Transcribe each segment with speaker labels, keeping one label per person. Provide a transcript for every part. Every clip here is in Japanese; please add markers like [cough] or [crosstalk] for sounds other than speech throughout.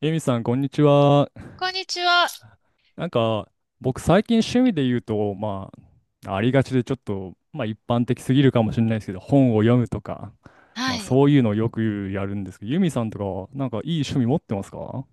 Speaker 1: エミさん、こんにちは。
Speaker 2: こんにちは。
Speaker 1: なんか、僕、最近趣味で言うと、まあ、ありがちでちょっと、まあ、一般的すぎるかもしれないですけど、本を読むとか、ま
Speaker 2: は
Speaker 1: あ、
Speaker 2: い。
Speaker 1: そういうのをよくやるんですけど、ユミさんとかは、なんか、いい趣味持ってますか？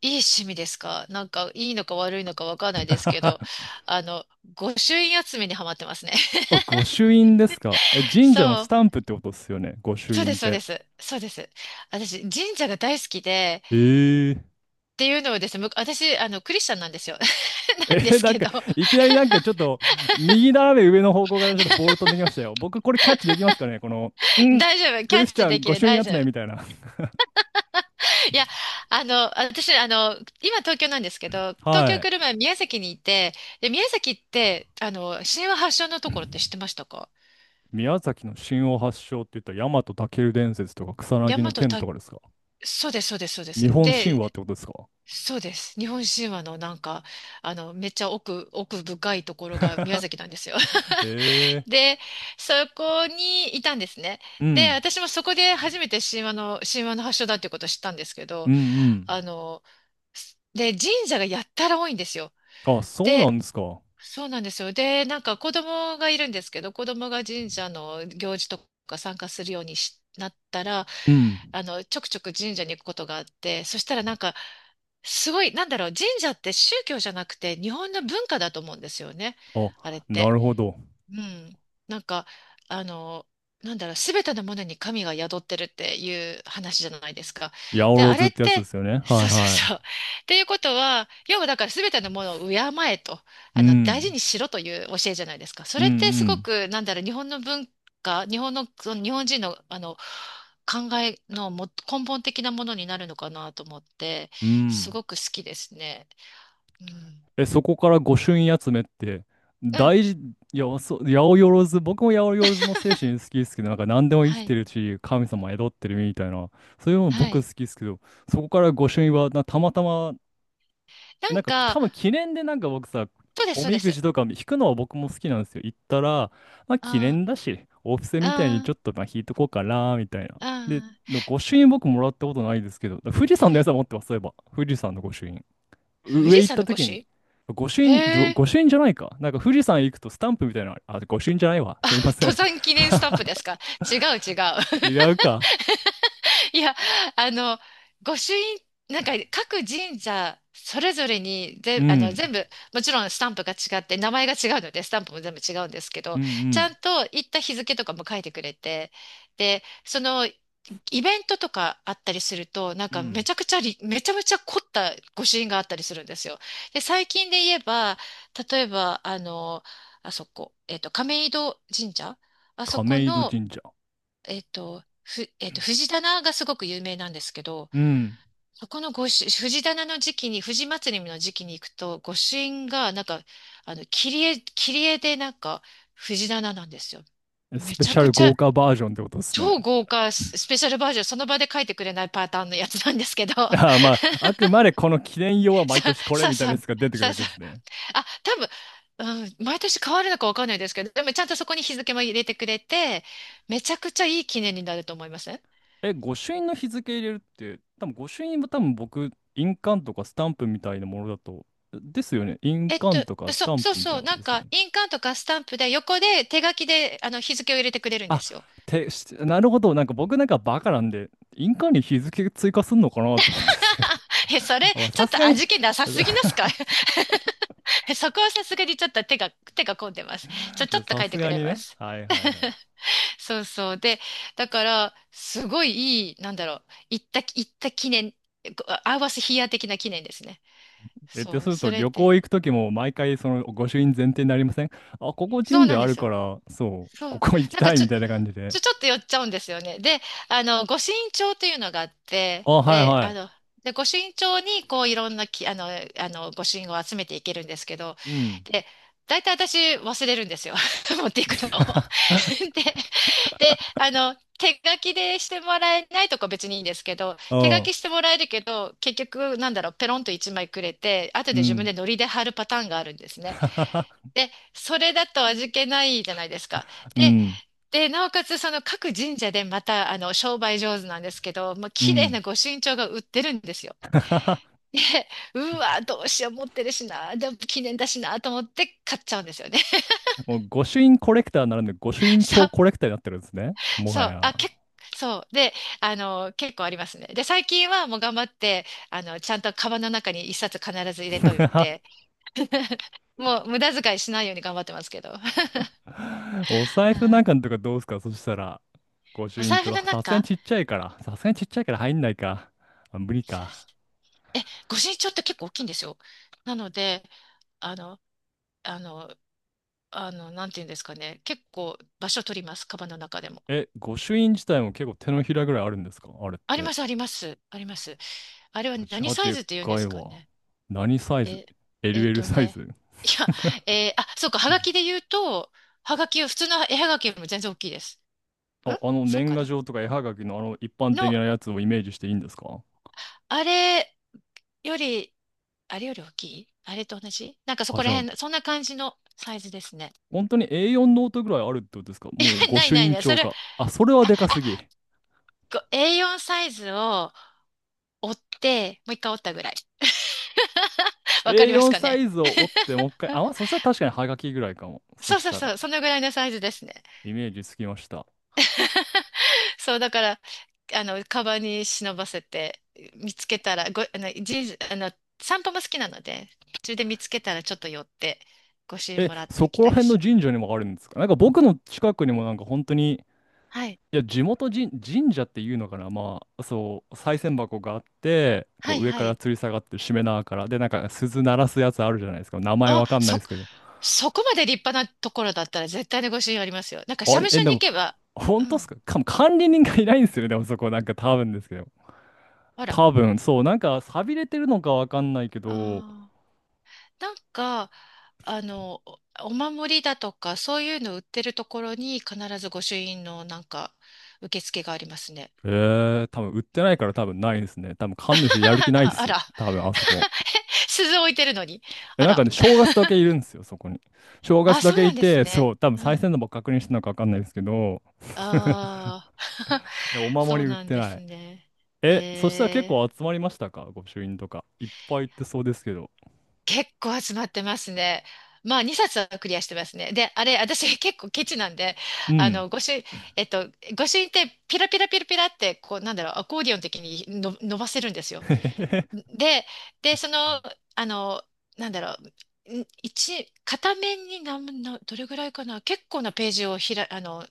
Speaker 2: いい趣味ですか？なんか、いいのか悪いのかわかんないで
Speaker 1: [laughs]
Speaker 2: すけど、あの、御朱印集めにハマってますね。
Speaker 1: あ、御
Speaker 2: [laughs]
Speaker 1: 朱印ですか？え、神社の
Speaker 2: そ
Speaker 1: ス
Speaker 2: う。
Speaker 1: タンプってことですよね、御朱
Speaker 2: そうで
Speaker 1: 印っ
Speaker 2: す、そうで
Speaker 1: て。
Speaker 2: す。そうです。私、神社が大好きで、
Speaker 1: えー、
Speaker 2: っていうのをですね、私、クリスチャンなんですよ。[laughs] なんで
Speaker 1: え、
Speaker 2: す
Speaker 1: なん
Speaker 2: け
Speaker 1: か、
Speaker 2: ど、
Speaker 1: いきなりなんかちょっと、右斜め上の方向からちょっとボール飛んできましたよ。僕、これキャッチできますかね？この、ん
Speaker 2: 大丈夫。キ
Speaker 1: ク
Speaker 2: ャ
Speaker 1: リス
Speaker 2: ッ
Speaker 1: チ
Speaker 2: チ
Speaker 1: ャ
Speaker 2: で
Speaker 1: ン
Speaker 2: き
Speaker 1: 御
Speaker 2: る、
Speaker 1: 朱印
Speaker 2: 大
Speaker 1: 集
Speaker 2: 丈
Speaker 1: めみた
Speaker 2: 夫。
Speaker 1: いな。
Speaker 2: いや、私、今東京なんですけど、
Speaker 1: [laughs]
Speaker 2: 東
Speaker 1: は
Speaker 2: 京来る
Speaker 1: い。
Speaker 2: 前宮崎にいて、で、宮崎って、神話発祥のところって知ってましたか？
Speaker 1: 宮崎の神話発祥って言ったら、大和武尊伝説とか草
Speaker 2: 大
Speaker 1: 薙の剣
Speaker 2: 和
Speaker 1: とかですか？
Speaker 2: そうです、そうです、そうで
Speaker 1: 日
Speaker 2: す。
Speaker 1: 本神
Speaker 2: で、
Speaker 1: 話ってことですか？
Speaker 2: そうです。日本神話のなんか、めっちゃ奥深いところが宮崎なんですよ。
Speaker 1: [laughs]
Speaker 2: [laughs]
Speaker 1: ええ。
Speaker 2: で、そこにいたんですね。
Speaker 1: う
Speaker 2: で、
Speaker 1: ん。
Speaker 2: 私もそこで初めて神話の発祥だっていうことを知ったんですけ
Speaker 1: う
Speaker 2: ど、
Speaker 1: んうん。
Speaker 2: あの、で、神社がやったら多いんですよ。
Speaker 1: あ、そうな
Speaker 2: で、
Speaker 1: んですか。
Speaker 2: そうなんですよ。で、なんか子供がいるんですけど、子供が神社の行事とか参加するようにしなったら、
Speaker 1: うん。
Speaker 2: ちょくちょく神社に行くことがあって、そしたらなんか、すごい、なんだろう、神社って宗教じゃなくて日本の文化だと思うんですよね。
Speaker 1: あ、
Speaker 2: あれっ
Speaker 1: な
Speaker 2: て。
Speaker 1: るほど。
Speaker 2: うん。なんか、あの、なんだろう、すべてのものに神が宿ってるっていう話じゃないですか。
Speaker 1: 八百
Speaker 2: で、
Speaker 1: 万
Speaker 2: あれ
Speaker 1: っ
Speaker 2: っ
Speaker 1: てやつで
Speaker 2: て、
Speaker 1: すよね。は
Speaker 2: そ
Speaker 1: い。
Speaker 2: うそうそう。
Speaker 1: は
Speaker 2: っていうことは、要はだからすべてのものを敬えと、
Speaker 1: い。う
Speaker 2: 大事
Speaker 1: ん。
Speaker 2: にしろという教えじゃないですか。そ
Speaker 1: うん
Speaker 2: れってす
Speaker 1: う
Speaker 2: ご
Speaker 1: ん。
Speaker 2: く、なんだろう、日本の文化、日本の、その日本人の、考えのも根本的なものになるのかなと思って、
Speaker 1: う
Speaker 2: す
Speaker 1: ん。
Speaker 2: ごく好きですね。うん。
Speaker 1: え、そこから御朱印集めって、
Speaker 2: うん。
Speaker 1: 大事、いや、そう、八百万、僕も八百万の精神好きですけど、なんか何でも生
Speaker 2: は
Speaker 1: きて
Speaker 2: い。
Speaker 1: るし、神様宿ってるみたいな、そういうのも
Speaker 2: は
Speaker 1: 僕
Speaker 2: い。
Speaker 1: 好きですけど、そこから御朱印はな、たまたま、
Speaker 2: な
Speaker 1: な
Speaker 2: ん
Speaker 1: んか
Speaker 2: か、
Speaker 1: 多分記念でなんか僕さ、
Speaker 2: そうです、
Speaker 1: お
Speaker 2: そうで
Speaker 1: みく
Speaker 2: す。
Speaker 1: じとか引くのは僕も好きなんですよ。行ったら、まあ記念
Speaker 2: あ
Speaker 1: だし、お布施みたいに
Speaker 2: あ
Speaker 1: ち
Speaker 2: あ、
Speaker 1: ょっとまあ引いとこうかな、みたいな。で、
Speaker 2: ああ、
Speaker 1: の御朱印僕もらったことないですけど、富士山のやつは持ってます、そういえば。富士山の御朱印。
Speaker 2: 富
Speaker 1: 上
Speaker 2: 士
Speaker 1: 行っ
Speaker 2: 山
Speaker 1: た
Speaker 2: の越
Speaker 1: 時に、
Speaker 2: し、
Speaker 1: 御朱印、じょ
Speaker 2: へえ、
Speaker 1: 御朱印じゃないか。なんか富士山行くとスタンプみたいなのある、あ、御朱印じゃないわ。すいませ
Speaker 2: 登
Speaker 1: ん。
Speaker 2: 山記念スタン
Speaker 1: [laughs]
Speaker 2: プですか？違う違う。
Speaker 1: 違
Speaker 2: [laughs]
Speaker 1: うか。
Speaker 2: いや、あの、御朱印、なんか各神社それぞれに
Speaker 1: う
Speaker 2: ぜ、あの、
Speaker 1: ん。
Speaker 2: 全部、もちろんスタンプが違って、名前が違うので、スタンプも全部違うんですけ
Speaker 1: うん
Speaker 2: ど、
Speaker 1: う
Speaker 2: ちゃん
Speaker 1: ん。
Speaker 2: と行った日付とかも書いてくれて、で、その、イベントとかあったりすると、なん
Speaker 1: う
Speaker 2: か
Speaker 1: ん。
Speaker 2: めちゃめちゃ凝った御朱印があったりするんですよ。で、最近で言えば、例えば、あそこ、亀戸神社、あそこ
Speaker 1: 亀戸
Speaker 2: の、
Speaker 1: 神社。
Speaker 2: えっと、ふ、えっと、藤棚がすごく有名なんですけど、
Speaker 1: うん。
Speaker 2: そこの藤棚の時期に、藤祭りの時期に行くと、御朱印が、なんか、切り絵でなんか、藤棚なんですよ。
Speaker 1: ス
Speaker 2: め
Speaker 1: ペ
Speaker 2: ち
Speaker 1: シ
Speaker 2: ゃ
Speaker 1: ャ
Speaker 2: く
Speaker 1: ル
Speaker 2: ち
Speaker 1: 豪
Speaker 2: ゃ、
Speaker 1: 華バージョンってことですね。
Speaker 2: 超豪華ススペシャルバージョン、その場で書いてくれないパターンのやつなんですけど、
Speaker 1: い
Speaker 2: [laughs]
Speaker 1: や、まあ、あくまでこの記念用は毎
Speaker 2: さ、
Speaker 1: 年これ
Speaker 2: さ、
Speaker 1: みたいなや
Speaker 2: さ、
Speaker 1: つが出てくる
Speaker 2: さ、
Speaker 1: わけ
Speaker 2: さ、
Speaker 1: ですね。
Speaker 2: あ、多分、うん、毎年変わるのかわかんないですけど、でもちゃんとそこに日付も入れてくれて、めちゃくちゃいい記念になると思います。
Speaker 1: え、御朱印の日付入れるって、多分御朱印も多分僕、印鑑とかスタンプみたいなものだと、ですよね。印鑑とかス
Speaker 2: そ、
Speaker 1: タン
Speaker 2: そう
Speaker 1: プみたい
Speaker 2: そ
Speaker 1: な
Speaker 2: う、
Speaker 1: 感じ
Speaker 2: なん
Speaker 1: ですよ
Speaker 2: か、
Speaker 1: ね。
Speaker 2: 印鑑とかスタンプで横で手書きで、日付を入れてくれるんで
Speaker 1: あ、
Speaker 2: すよ。
Speaker 1: なるほど。なんか僕なんかバカなんで、印鑑に日付追加すんのかなって思ったんですけど。
Speaker 2: [laughs] え、それ、
Speaker 1: [laughs] まあ
Speaker 2: ちょ
Speaker 1: さ
Speaker 2: っ
Speaker 1: す
Speaker 2: と
Speaker 1: がに
Speaker 2: 味気なさすぎますか？
Speaker 1: [laughs]
Speaker 2: [laughs] そこはさすがにちょっと手が込んでます。ちょっと
Speaker 1: さ
Speaker 2: 書い
Speaker 1: す
Speaker 2: てく
Speaker 1: が
Speaker 2: れ
Speaker 1: に
Speaker 2: ま
Speaker 1: ね。
Speaker 2: す。
Speaker 1: はいはいはい。
Speaker 2: そうそう。で、だから、すごいいい、なんだろう、行った記念、こう合わせヒーヤー的な記念ですね。
Speaker 1: え、って
Speaker 2: そ
Speaker 1: す
Speaker 2: う、
Speaker 1: ると
Speaker 2: それ
Speaker 1: 旅
Speaker 2: で。
Speaker 1: 行行くときも毎回その御朱印前提になりません？あ、ここ
Speaker 2: そう
Speaker 1: 神
Speaker 2: な
Speaker 1: 社
Speaker 2: ん
Speaker 1: あ
Speaker 2: で
Speaker 1: る
Speaker 2: す
Speaker 1: か
Speaker 2: よ。
Speaker 1: ら、そう、
Speaker 2: そう。
Speaker 1: ここ行き
Speaker 2: なん
Speaker 1: た
Speaker 2: か
Speaker 1: い
Speaker 2: ちょ、
Speaker 1: みたいな感じで。
Speaker 2: ちょ、ちょっと寄っちゃうんですよね。で、御朱印帳というのがあって、
Speaker 1: あ、はい
Speaker 2: で、
Speaker 1: はい。
Speaker 2: 御朱印帳に、こう、いろんなき、あの、あの、御朱印を集めていけるんですけど、
Speaker 1: うん。
Speaker 2: で、大体私忘れるんですよ。[laughs] 持っていくのを。
Speaker 1: [laughs]
Speaker 2: [laughs] で、手書きでしてもらえないとか別にいいんですけど、
Speaker 1: う
Speaker 2: 手書
Speaker 1: ん。
Speaker 2: きしてもらえるけど、結局、なんだろう、ペロンと1枚くれて、後
Speaker 1: う
Speaker 2: で自分
Speaker 1: ん。
Speaker 2: でノリで貼るパターンがあるんですね。
Speaker 1: [laughs]
Speaker 2: で、それだと味気ないじゃないですか。
Speaker 1: う
Speaker 2: で、
Speaker 1: ん。
Speaker 2: なおかつその各神社でまた商売上手なんですけど、もう
Speaker 1: う
Speaker 2: 綺麗
Speaker 1: ん。
Speaker 2: な御朱印帳が売ってるんですよ。
Speaker 1: [laughs]
Speaker 2: で、うわ、どうしよう持ってるしな、でも記念だしなと思って買っちゃうんですよね。
Speaker 1: もう御朱印コレクターならぬ御朱
Speaker 2: [laughs]
Speaker 1: 印
Speaker 2: そ
Speaker 1: 帳
Speaker 2: う、
Speaker 1: コレクターになってるんですね。もは
Speaker 2: そう、
Speaker 1: や。
Speaker 2: あ、そう。で、結構ありますね。で、最近はもう頑張って、ちゃんとカバンの中に一冊必ず入れとい
Speaker 1: [laughs]
Speaker 2: て、もう無駄遣いしないように頑張ってますけど。[laughs]
Speaker 1: [laughs] お財
Speaker 2: う
Speaker 1: 布なんか
Speaker 2: ん。
Speaker 1: のとかどうすか？そしたら。御
Speaker 2: お
Speaker 1: 朱印
Speaker 2: 財布
Speaker 1: 帳。
Speaker 2: の
Speaker 1: さすがに
Speaker 2: 中、
Speaker 1: ちっちゃいから。さすがにちっちゃいから入んないか。あ、無理
Speaker 2: さ
Speaker 1: か。
Speaker 2: え、御朱印って結構大きいんですよ。なので、あの、あの、なんていうんですかね。結構場所取ります。カバンの中でも。
Speaker 1: え、御朱印自体も結構手のひらぐらいあるんですか？あれっ
Speaker 2: あり
Speaker 1: て。
Speaker 2: ます、あります、あります。あれは
Speaker 1: あ、じゃ
Speaker 2: 何
Speaker 1: あ
Speaker 2: サイ
Speaker 1: でっ
Speaker 2: ズって言うんで
Speaker 1: かい
Speaker 2: すか
Speaker 1: わ。
Speaker 2: ね？
Speaker 1: 何サイズ？
Speaker 2: え、えっ
Speaker 1: LL
Speaker 2: と
Speaker 1: サイ
Speaker 2: ね。
Speaker 1: ズ？
Speaker 2: いや、あ、そうか、はがきで言うと、はがきは普通の絵はがきよりも全然大きいです。ん
Speaker 1: あ、あの
Speaker 2: そう
Speaker 1: 年
Speaker 2: か
Speaker 1: 賀
Speaker 2: な。
Speaker 1: 状とか絵はがきのあの一般的
Speaker 2: の、
Speaker 1: なやつをイメージしていいんですか？
Speaker 2: あれより、あれより、大きい、あれと同じ、なんかそ
Speaker 1: あ、
Speaker 2: こ
Speaker 1: じ
Speaker 2: ら
Speaker 1: ゃあ、
Speaker 2: 辺、そんな感じのサイズですね。
Speaker 1: 本当に A4 ノートぐらいあるってことですか？もう
Speaker 2: [laughs]
Speaker 1: 御
Speaker 2: ない
Speaker 1: 朱
Speaker 2: ない
Speaker 1: 印
Speaker 2: ない。そ
Speaker 1: 帳
Speaker 2: れ、あ、
Speaker 1: か。あ、それは
Speaker 2: あ、
Speaker 1: でかすぎ。
Speaker 2: こう A4 サイズを折って、もう一回折ったぐらい。[laughs] わかります
Speaker 1: A4
Speaker 2: か
Speaker 1: サ
Speaker 2: ね。
Speaker 1: イズを折
Speaker 2: [laughs]
Speaker 1: ってもう一回、あ、まあそしたら確かにはがきぐらいかも。そ
Speaker 2: そう
Speaker 1: し
Speaker 2: そう
Speaker 1: たら。
Speaker 2: そう、そのぐらいのサイズですね。
Speaker 1: イメージつきました。
Speaker 2: [laughs] そう、だから、カバンに忍ばせて、見つけたら、ご、あの、人、あの、散歩も好きなので、途中で見つけたらちょっと寄って、ご朱印
Speaker 1: え、
Speaker 2: もらっ
Speaker 1: そ
Speaker 2: てき
Speaker 1: こら
Speaker 2: たり
Speaker 1: 辺の
Speaker 2: しま
Speaker 1: 神
Speaker 2: す。
Speaker 1: 社にもあるんですか？なんか僕の近くにもなんか本当に、
Speaker 2: はい。
Speaker 1: いや、地元神、神社っていうのかな。まあ、そう、賽銭箱があって、こ
Speaker 2: はい
Speaker 1: う上
Speaker 2: は
Speaker 1: から
Speaker 2: い。
Speaker 1: 吊り下がってるしめ縄から、で、なんか鈴鳴らすやつあるじゃないですか。名前
Speaker 2: あ、
Speaker 1: わかんないで
Speaker 2: そ、
Speaker 1: すけど。
Speaker 2: そこまで立派なところだったら絶対にご朱印ありますよ。なんか、
Speaker 1: あ
Speaker 2: 社
Speaker 1: れ、
Speaker 2: 務
Speaker 1: え、
Speaker 2: 所
Speaker 1: で
Speaker 2: に行
Speaker 1: も、
Speaker 2: けば、う
Speaker 1: 本当っす
Speaker 2: ん。
Speaker 1: かか、管理人がいないんですよね。でもそこなんか多分ですけど。
Speaker 2: あら。
Speaker 1: 多分、そう、なんか寂れてるのかわかんないけど、
Speaker 2: ああ。なんか、あの、おお守りだとか、そういうの売ってるところに必ず御朱印のなんか、受付がありますね。
Speaker 1: 多分売っ
Speaker 2: う
Speaker 1: て
Speaker 2: ん。
Speaker 1: ないから多分ないですね。多分神主やる気
Speaker 2: [laughs]
Speaker 1: ないっ
Speaker 2: あ
Speaker 1: す。
Speaker 2: ら。
Speaker 1: 多分あそこ。
Speaker 2: [laughs] 鈴置いてるのに。あ
Speaker 1: なん
Speaker 2: ら。
Speaker 1: かね、正月だけ
Speaker 2: [laughs]
Speaker 1: いるんですよ、そこに。正月
Speaker 2: あ、
Speaker 1: だ
Speaker 2: そう
Speaker 1: け
Speaker 2: な
Speaker 1: い
Speaker 2: んです
Speaker 1: て、
Speaker 2: ね。
Speaker 1: そう、多分
Speaker 2: う
Speaker 1: 賽銭
Speaker 2: ん。
Speaker 1: のば確認してたのかわかんないですけど、[laughs]
Speaker 2: ああ、
Speaker 1: で、お
Speaker 2: [laughs]
Speaker 1: 守
Speaker 2: そう
Speaker 1: り売っ
Speaker 2: なん
Speaker 1: て
Speaker 2: で
Speaker 1: な
Speaker 2: す
Speaker 1: い。
Speaker 2: ね。
Speaker 1: え、そしたら結
Speaker 2: え
Speaker 1: 構
Speaker 2: ー。
Speaker 1: 集まりましたか？御朱印とか。いっぱい行ってそうですけど。
Speaker 2: 結構集まってますね。まあ、2冊はクリアしてますね。で、あれ、私 [laughs] 結構ケチなんで、
Speaker 1: う
Speaker 2: あ
Speaker 1: ん。
Speaker 2: の、御朱印、えっと、御朱印ってピラピラピラピラって、こう、なんだろう、アコーディオン的にの伸ばせるんですよ。
Speaker 1: [laughs] へへへ
Speaker 2: で、その、あの、なんだろう、片面にどれぐらいかな、結構なページをひら、あの、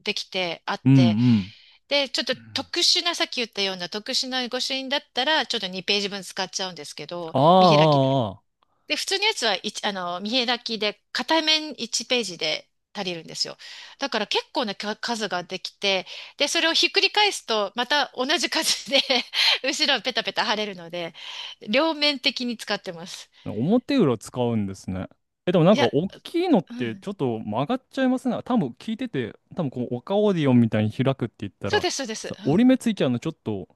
Speaker 2: できてあっ
Speaker 1: うん
Speaker 2: て、
Speaker 1: うん。
Speaker 2: で、ちょっと特殊な、さっき言ったような特殊な御朱印だったら、ちょっと2ページ分使っちゃうんですけど、
Speaker 1: あ
Speaker 2: 見開き。
Speaker 1: あ、ああ、
Speaker 2: で、普通のやつは一あの、見開きで、片面1ページで足りるんですよ。だから結構なか数ができて、で、それをひっくり返すと、また同じ数で [laughs] 後ろペタペタ貼れるので、両面的に使ってます。
Speaker 1: ああ。表裏使うんですね。え、でもなん
Speaker 2: い
Speaker 1: か
Speaker 2: や、
Speaker 1: 大きいのっ
Speaker 2: う
Speaker 1: て
Speaker 2: ん。
Speaker 1: ちょっと曲がっちゃいますね。多分聞いてて、多分こう、オカオーディオンみたいに開くって言った
Speaker 2: そう
Speaker 1: ら、
Speaker 2: です、そうです。う
Speaker 1: 折り
Speaker 2: ん。
Speaker 1: 目ついちゃうのちょっと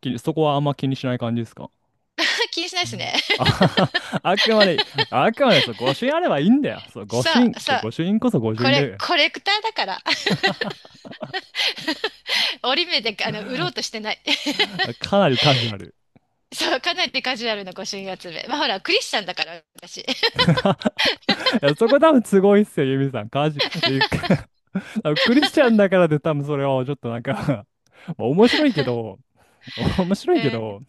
Speaker 1: そこはあんま気にしない感じですか？
Speaker 2: [laughs] 気にしない
Speaker 1: う
Speaker 2: です
Speaker 1: ん。
Speaker 2: ね。
Speaker 1: あ、
Speaker 2: [laughs]
Speaker 1: [laughs] あくまで、あくまでそう、御朱印あればいいんだよ。そう、御朱
Speaker 2: さ
Speaker 1: 印、
Speaker 2: あ、
Speaker 1: こ
Speaker 2: さ
Speaker 1: 御
Speaker 2: あ、
Speaker 1: 朱印こそ御朱
Speaker 2: こ
Speaker 1: 印がいい
Speaker 2: れ、
Speaker 1: よ、
Speaker 2: コレクターだから、[laughs] 折り目で、売ろうとしてない。[laughs]
Speaker 1: あ、かなりカジュアル。
Speaker 2: そう、かなりカジュアルな御朱印集め。まあ、ほら、クリスチャンだから、私。[laughs]
Speaker 1: [laughs] いや、そこ多分すごいっすよ、ユミさん。カジュ、で [laughs] 多分クリスチャンだからで多分それをちょっとなんか [laughs] まあ面白いけど、面白い
Speaker 2: う
Speaker 1: け
Speaker 2: ん。
Speaker 1: ど、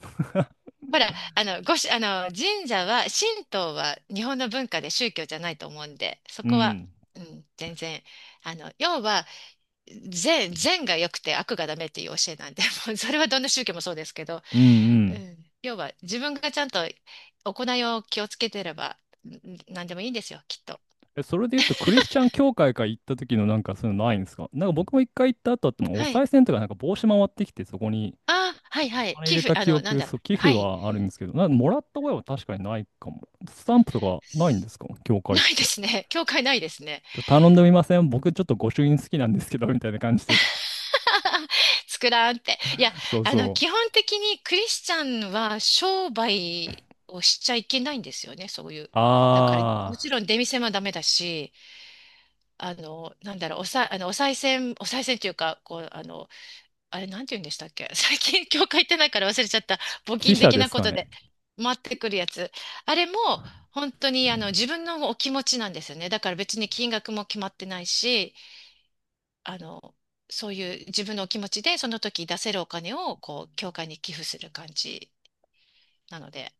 Speaker 2: ほら、ごし、あの、神社は、神道は日本の文化で宗教じゃないと思うんで、そ
Speaker 1: う
Speaker 2: こは、
Speaker 1: ん、
Speaker 2: うん、全然、要は、善が良くて悪がダメっていう教えなんで、[laughs] もうそれはどんな宗教もそうですけど、
Speaker 1: うん、う
Speaker 2: う
Speaker 1: ん。
Speaker 2: ん、要は自分がちゃんと行いを気をつけてれば、何でもいいんですよ、きっと。
Speaker 1: え、それで言うと、クリスチャン教会から行った時のなんかそういうのないんですか？なんか僕も一回行った後って、お
Speaker 2: はい。
Speaker 1: 賽銭とかなんか帽子回ってきて、そこに
Speaker 2: あ、はいは
Speaker 1: あ
Speaker 2: い。
Speaker 1: れ入
Speaker 2: 寄
Speaker 1: れ
Speaker 2: 付、
Speaker 1: た記
Speaker 2: なん
Speaker 1: 憶、
Speaker 2: だろう。
Speaker 1: そう、寄付
Speaker 2: はい。
Speaker 1: はあるんですけど、もらった声は確かにないかも。スタンプとかないんですか？教会っ
Speaker 2: ないで
Speaker 1: て。
Speaker 2: すね。[laughs] 教会ないですね。
Speaker 1: 頼んでみません？僕ちょっと御朱印好きなんですけど、みたいな感じで。
Speaker 2: [laughs] 作らんって。いや、
Speaker 1: [laughs] そうそ
Speaker 2: 基
Speaker 1: う。
Speaker 2: 本的にクリスチャンは商売をしちゃいけないんですよね、そういう。だから、も
Speaker 1: あ
Speaker 2: ちろん出店もダメだし、なんだろう、おさ、あの、お賽銭、お賽銭というか、こう、あれ、なんて言うんでしたっけ？ [laughs] 最近、教会行ってないから忘れちゃった。
Speaker 1: ー、
Speaker 2: 募
Speaker 1: 記
Speaker 2: 金
Speaker 1: 者
Speaker 2: 的
Speaker 1: で
Speaker 2: な
Speaker 1: す
Speaker 2: こ
Speaker 1: か
Speaker 2: と
Speaker 1: ね。
Speaker 2: で回ってくるやつ。あれも、本当に、自分のお気持ちなんですよね。だから別に金額も決まってないし、あの、そういう自分のお気持ちで、その時出せるお金を、こう、教会に寄付する感じなので、